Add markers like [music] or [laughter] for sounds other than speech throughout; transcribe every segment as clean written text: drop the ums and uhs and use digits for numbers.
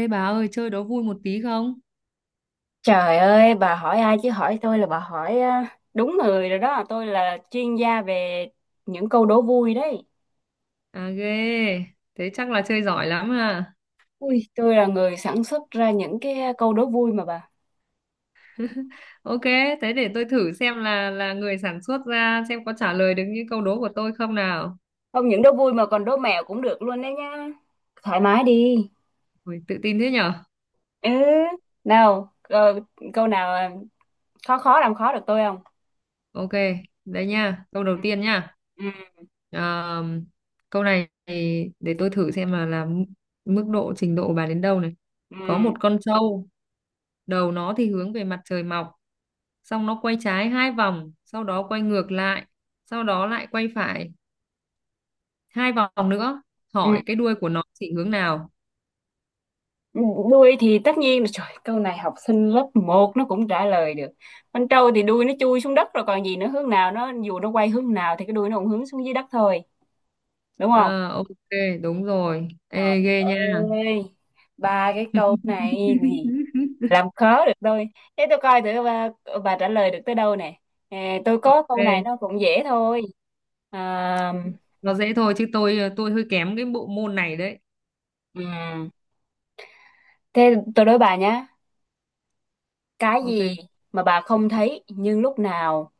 Ê bà ơi, chơi đố vui một tí không? Trời ơi, bà hỏi ai chứ hỏi tôi là bà hỏi à, đúng người rồi đó. Tôi là chuyên gia về những câu đố vui đấy. À ghê, thế chắc là chơi giỏi lắm à. Ui, tôi là người sản xuất ra những cái câu đố vui mà bà. Ok, thế để tôi thử xem là người sản xuất ra xem có trả lời được những câu đố của tôi không nào. Không những đố vui mà còn đố mẹo cũng được luôn đấy nha. Thoải mái đi. Ui, tự tin thế nhở? Ừ, nào, câu nào à, khó khó làm khó được tôi không? Ok, đây nha, câu đầu tiên nha. Ừ, À, câu này thì để tôi thử xem mức độ trình độ của bà đến đâu này. Có ừ, một con trâu, đầu nó thì hướng về mặt trời mọc, xong nó quay trái hai vòng, sau đó quay ngược lại, sau đó lại quay phải hai vòng nữa, ừ. hỏi cái đuôi của nó chỉ hướng nào? Đuôi thì tất nhiên là trời, câu này học sinh lớp một nó cũng trả lời được. Con trâu thì đuôi nó chui xuống đất rồi còn gì nữa, hướng nào nó, dù nó quay hướng nào thì cái đuôi nó cũng hướng xuống dưới đất thôi, đúng không? Ờ, ok, đúng rồi. Ê, ghê nha. Ơi, ba cái câu này thì [laughs] làm khó được tôi. Thế tôi coi thử bà trả lời được tới đâu nè. À, tôi có câu này Ghê. nó cũng dễ thôi. À, Nó dễ thôi chứ tôi hơi kém cái bộ môn này đấy. ừm. Thế tôi đố bà nhá, cái gì Ok, mà bà không thấy nhưng lúc nào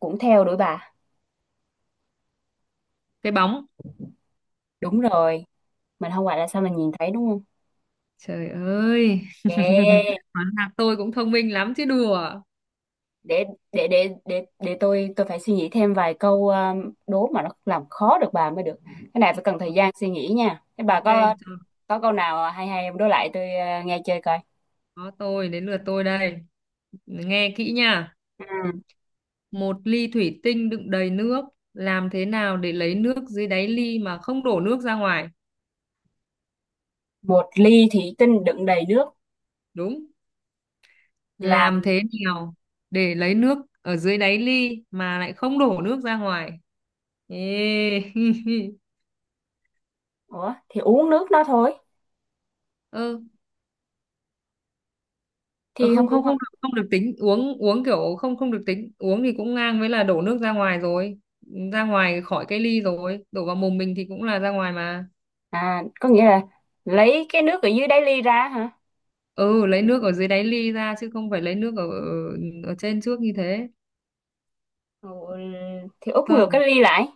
cũng theo đuổi bà? cái bóng. Đúng rồi. Mình không gọi là sao mình nhìn thấy, đúng không? Trời ơi, [laughs] Yeah. hóa ra tôi cũng thông minh lắm chứ đùa. để để tôi phải suy nghĩ thêm vài câu đố mà nó làm khó được bà mới được. Cái này phải cần thời gian suy nghĩ nha. Thế bà Ok. Cho. có câu nào hay hay em đố lại tôi, nghe chơi coi. Có, tôi đến lượt tôi đây. Nghe kỹ nha. Ừ. Một ly thủy tinh đựng đầy nước, làm thế nào để lấy nước dưới đáy ly mà không đổ nước ra ngoài? Một ly thủy tinh đựng đầy nước, Đúng. làm Làm thế ừ. nào để lấy nước ở dưới đáy ly mà lại không đổ nước ra ngoài? Ê. [laughs] Ủa thì uống nước nó thôi, Ơ, ờ, thì không không đúng không không? không được, không được tính uống, uống kiểu không không được tính uống thì cũng ngang với là đổ nước ra ngoài rồi, ra ngoài khỏi cái ly rồi đổ vào mồm mình thì cũng là ra ngoài mà. À có nghĩa là lấy cái nước ở dưới đáy ly ra hả? Ừ, lấy nước ở dưới đáy ly ra chứ không phải lấy nước ở ở, ở trên trước như thế. Ừ, thì úp ngược cái Không, ly lại.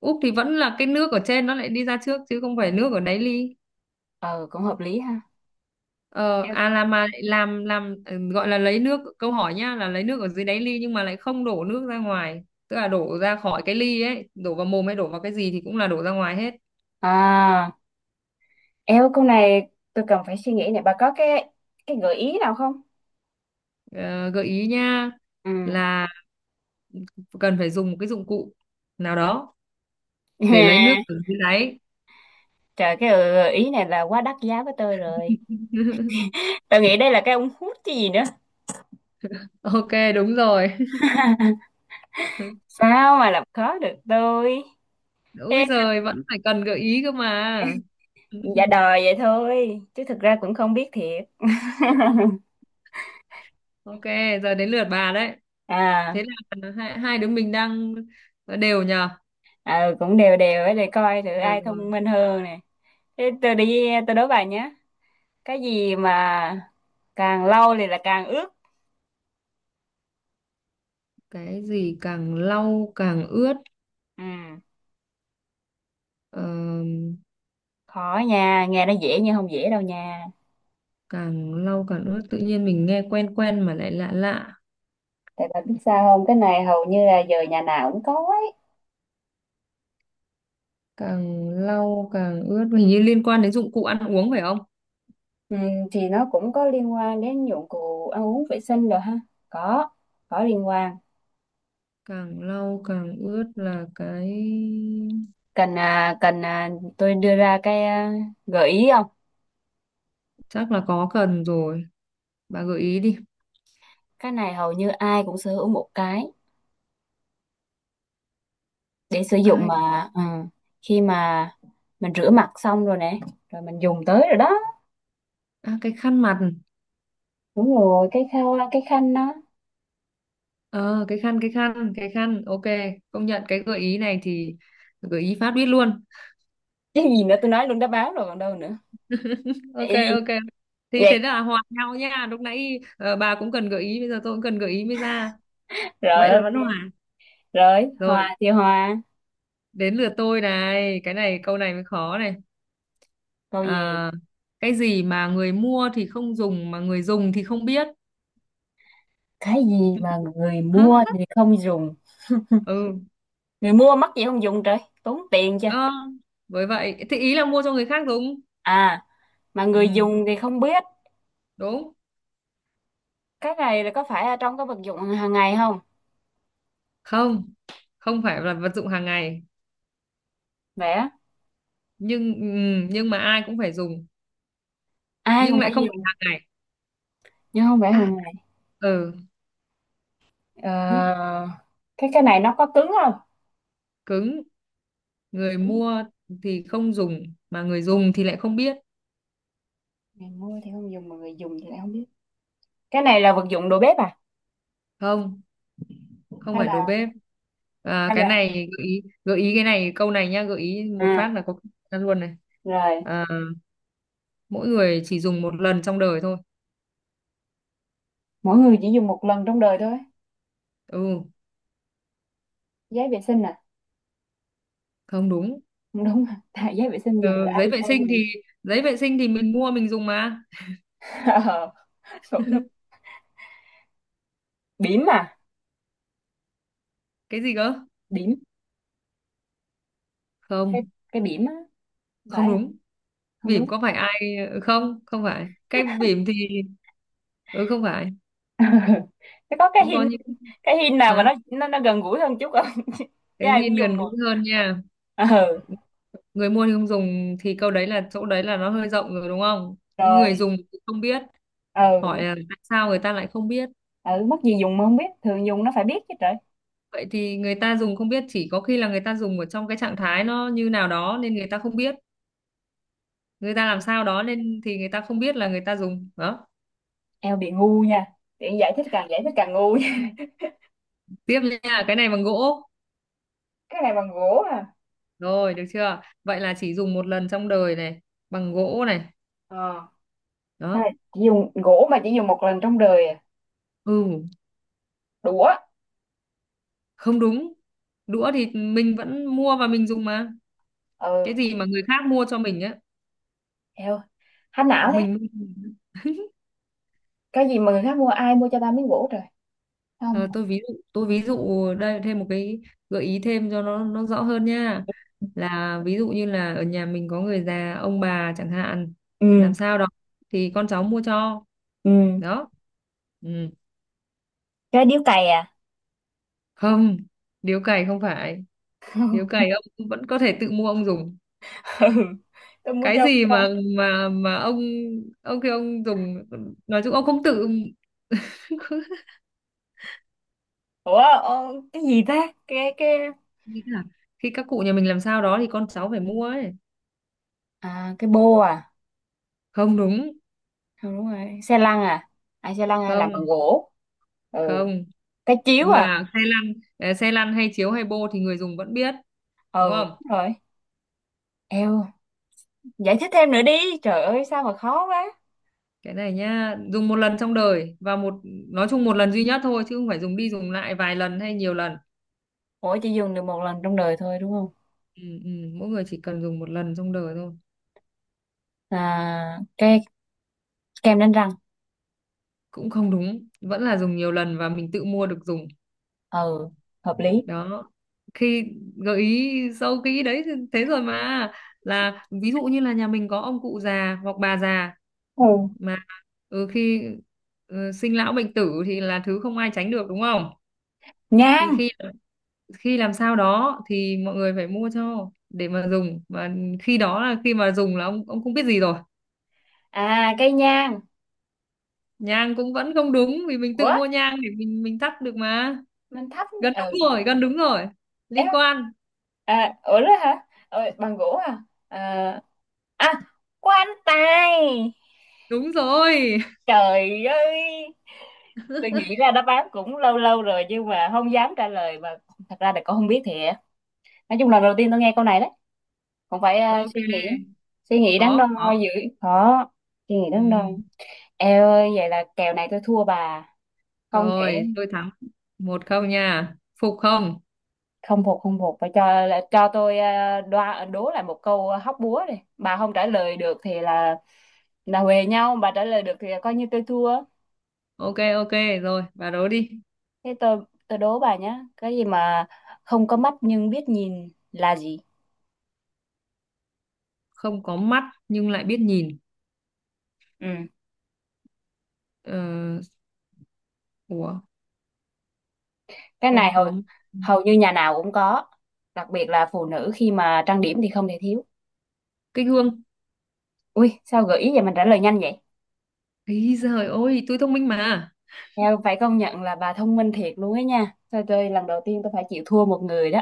úp thì vẫn là cái nước ở trên nó lại đi ra trước chứ không phải nước ở đáy ly. Ờ cũng hợp lý ha. Ờ, à, là mà lại làm gọi là lấy nước, câu hỏi nhá là lấy nước ở dưới đáy ly nhưng mà lại không đổ nước ra ngoài, tức là đổ ra khỏi cái ly ấy, đổ vào mồm hay đổ vào cái gì thì cũng là đổ ra ngoài hết. À, eo câu này tôi cần phải suy nghĩ này. Bà có cái gợi ý nào không? Ờ, gợi ý nha, Ừ. là cần phải dùng một cái dụng cụ nào đó để lấy nước [laughs] ở dưới đáy. Trời, cái gợi ý này là quá đắt giá với tôi rồi. [laughs] Tôi nghĩ đây là cái ống hút chứ gì nữa. Ok, đúng rồi. [laughs] Sao mà làm khó được tôi? Úi Em giời, vẫn phải cần gợi ý cơ mà. dạ [laughs] đòi vậy thôi, chứ thực ra cũng không biết thiệt. Ok, giờ đến lượt bà đấy. À, Thế là hai đứa mình đang đều nhờ. ờ, cũng đều đều ấy để coi thử Được ai rồi. thông minh hơn nè. Thế tôi đi tôi đố bà nhé. Cái gì mà càng lâu thì là càng ướt. Cái gì càng lau càng ướt? Ừ, ờ, khó nha, nghe nó dễ nhưng không dễ đâu nha. Càng lau càng ướt, tự nhiên mình nghe quen quen mà lại lạ lạ. Tại bà biết sao không? Cái này hầu như là giờ nhà nào cũng có ấy. Càng lau càng ướt hình như liên quan đến dụng cụ ăn uống phải không? Ừ, thì nó cũng có liên quan đến dụng cụ ăn uống vệ sinh rồi ha. Có, có liên quan. Càng lau càng ướt là cái. Cần à, cần à, tôi đưa ra cái gợi ý không? Chắc là có cần rồi, bà gợi ý đi. Cái này hầu như ai cũng sở hữu một cái để sử dụng Ai. mà khi mà mình rửa mặt xong rồi nè, rồi mình dùng tới rồi đó. À, cái khăn mặt. Đúng rồi, cái khăn đó. Ờ cái khăn, cái khăn, cái khăn, ok. Công nhận cái gợi ý này thì gợi ý phát biết luôn. Chứ gì nữa tôi nói luôn đáp án rồi còn đâu nữa. Ok, Ê, ok. Thì thế vậy là hòa nhau nha, lúc nãy bà cũng cần gợi ý, bây giờ tôi cũng cần gợi ý mới ra. rồi Vậy là vẫn ok. hòa. Rồi, Rồi, hòa thì hòa. đến lượt tôi này, cái này câu này mới khó này. Câu gì? À, cái gì mà người mua thì không dùng mà người dùng thì không biết? Cái gì mà người Hả? mua thì không dùng? Ừ. Người mua mắc gì không dùng trời, tốn tiền chưa. ờ, với vậy thì ý là mua cho người khác đúng. À mà người Ừ, dùng thì không biết. đúng. Cái này là có phải ở trong cái vật dụng hàng ngày không? Không, không phải là vật dụng hàng ngày. Vẽ, Nhưng ừ, nhưng mà ai cũng phải dùng. ai Nhưng cũng lại phải không phải dùng hàng ngày. nhưng không phải À, hàng ngày. ừ. [laughs] Ờ, cái này nó có cứng không? Cứng. Người Cứng. mua thì không dùng mà người dùng thì lại không biết. Người mua thì không dùng mà người dùng thì lại không biết. Cái này là vật dụng đồ bếp à? Không, không Hay phải đầu là, bếp. À, hay cái là, này gợi ý cái này câu này nhá, gợi ý một à phát là có ra luôn này. rồi. À, mỗi người chỉ dùng một lần trong đời thôi. Mỗi người chỉ dùng một lần trong đời thôi? Ừ. Giấy vệ sinh à? Không đúng. Không đúng. [laughs] À tại giấy vệ sinh dùng rồi Ừ, ai giấy vệ ai sinh dùng. thì giấy vệ sinh thì mình mua mình dùng mà. [laughs] Ờ, cũng đúng. Bỉm à? Cái gì cơ? Bỉm, cái Không. cái bỉm á, Không phải đúng. không? Bỉm Đúng. có phải ai, ừ, không, không phải cái bỉm thì. Ừ, không phải. [laughs] Thế có cái Cũng có hin, những. cái hin nào mà Hả? nó gần gũi hơn chút không? [laughs] Chứ Cái ai hiên cũng gần dùng mà. gũi hơn nha. Ừ Người mua thì không dùng thì câu đấy là chỗ đấy là nó hơi rộng rồi đúng không, những người rồi, dùng thì không biết. ừ, Hỏi là tại sao người ta lại không biết. ừ mất gì dùng mà không biết, thường dùng nó phải biết chứ trời. Vậy thì người ta dùng không biết, chỉ có khi là người ta dùng ở trong cái trạng thái nó như nào đó nên người ta không biết. Người ta làm sao đó nên thì người ta không biết là người ta dùng đó. Eo bị ngu nha, tiện giải thích càng ngu nha. [laughs] Tiếp nha, cái này bằng gỗ. Cái này bằng gỗ à? Rồi, được chưa, vậy là chỉ dùng một lần trong đời này, bằng gỗ này Ờ thôi, đó. chỉ dùng gỗ mà chỉ dùng một lần trong đời à? Ừ. Đũa. Không đúng, đũa thì mình vẫn mua và mình dùng mà. Cái Ừ, gì mà người khác mua cho mình á. eo hát Một não thế. mình mua. Cái gì mà người khác mua? Ai mua cho ta miếng gỗ trời. Không. Ờ, tôi ví dụ đây, thêm một cái gợi ý thêm cho nó rõ hơn nha, là ví dụ như là ở nhà mình có người già ông bà chẳng hạn, làm Ừ, sao đó thì con cháu mua cho ừ. đó. Ừ. Cái điếu cày à? Không, điếu cày không phải, điếu cày ông vẫn có thể tự mua ông dùng. [laughs] Ừ tôi mua Cái cho gì con. mà ông khi ông dùng, nói chung ông không tự [laughs] Ủa cái gì ta, cái, nghĩ là khi các cụ nhà mình làm sao đó thì con cháu phải mua ấy. à cái bô à? Không đúng. Ừ, đúng rồi xe lăn à? À xe lăn à, làm bằng Không, gỗ? Ừ. không, Cái chiếu à? mà xe lăn. Xe lăn hay chiếu hay bô thì người dùng vẫn biết, đúng Ừ không. đúng rồi. Eo, giải thích thêm nữa đi, trời ơi sao mà khó quá. Cái này nhá, dùng một lần trong đời, và một, nói chung một lần duy nhất thôi chứ không phải dùng đi dùng lại vài lần hay nhiều lần. Ủa chỉ dùng được một lần trong đời thôi đúng không? Ừ, ừ, mỗi người chỉ cần dùng một lần trong đời thôi. À cái kem đánh răng. Cũng không đúng, vẫn là dùng nhiều lần và mình tự mua được dùng. Ừ hợp lý. Đó, khi gợi ý sâu kỹ đấy thì thế rồi mà, là ví dụ như là nhà mình có ông cụ già hoặc bà già, Ừ mà khi sinh lão bệnh tử thì là thứ không ai tránh được đúng không, thì nhang. khi khi làm sao đó thì mọi người phải mua cho để mà dùng, và khi đó là khi mà dùng là ông không biết gì rồi. À cây nhang. Nhang cũng vẫn không đúng vì mình tự Ủa mua nhang để mình thắp được mà. mình thắp. Gần đúng Ừ rồi, gần đúng rồi. em, Liên quan. à ủa đó hả? Ờ, bằng gỗ à? À, à, quan tài. Đúng rồi. [laughs] Trời ơi. Tôi nghĩ ra đáp án cũng lâu lâu rồi nhưng mà không dám trả lời mà, thật ra là con không biết thiệt. Nói chung là đầu tiên tôi nghe câu này đấy. Cũng phải Ok, suy nghĩ đắn đo khó khó. dữ. Khó, suy nghĩ đắn đo. Ừ. Eo ơi vậy là kèo này tôi thua bà. Không thể, Rồi, tôi thắng một không nha, phục không? không phục không phục, phải cho tôi đoa đố lại một câu hóc búa đi, bà không trả lời được thì là huề nhau, bà trả lời được thì là coi như tôi thua. Ok, ok. Rồi, bà đố đi. Thế tôi đố bà nhé, cái gì mà không có mắt nhưng biết nhìn là gì? Không có mắt nhưng lại biết nhìn? Ừ. ờ, Ủa. Cái Không này hầu, có. hầu như nhà nào cũng có, đặc biệt là phụ nữ khi mà trang điểm thì không thể thiếu. Cái gương. Ui sao gợi ý vậy mình trả lời nhanh vậy. Ý giời ơi, tôi thông minh mà. Em phải công nhận là bà thông minh thiệt luôn ấy nha, thôi tôi lần đầu tiên tôi phải chịu thua một người đó.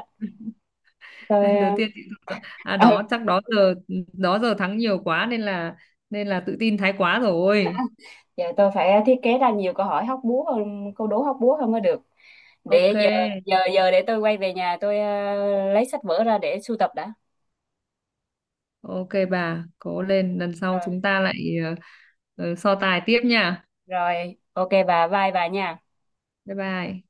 [laughs] Lần đầu Tôi tiên chị à, đó [laughs] chắc đó giờ, đó giờ thắng nhiều quá nên là tự tin thái quá rồi. giờ tôi phải thiết kế ra nhiều câu hỏi hóc búa hơn, câu đố hóc búa hơn mới được. Để Ok, giờ giờ giờ để tôi quay về nhà tôi lấy sách vở ra để sưu tập đã. ok bà, cố lên lần sau Rồi, chúng ta lại, ờ, so tài tiếp nha. rồi, ok bà, bye bà nha. Bye bye.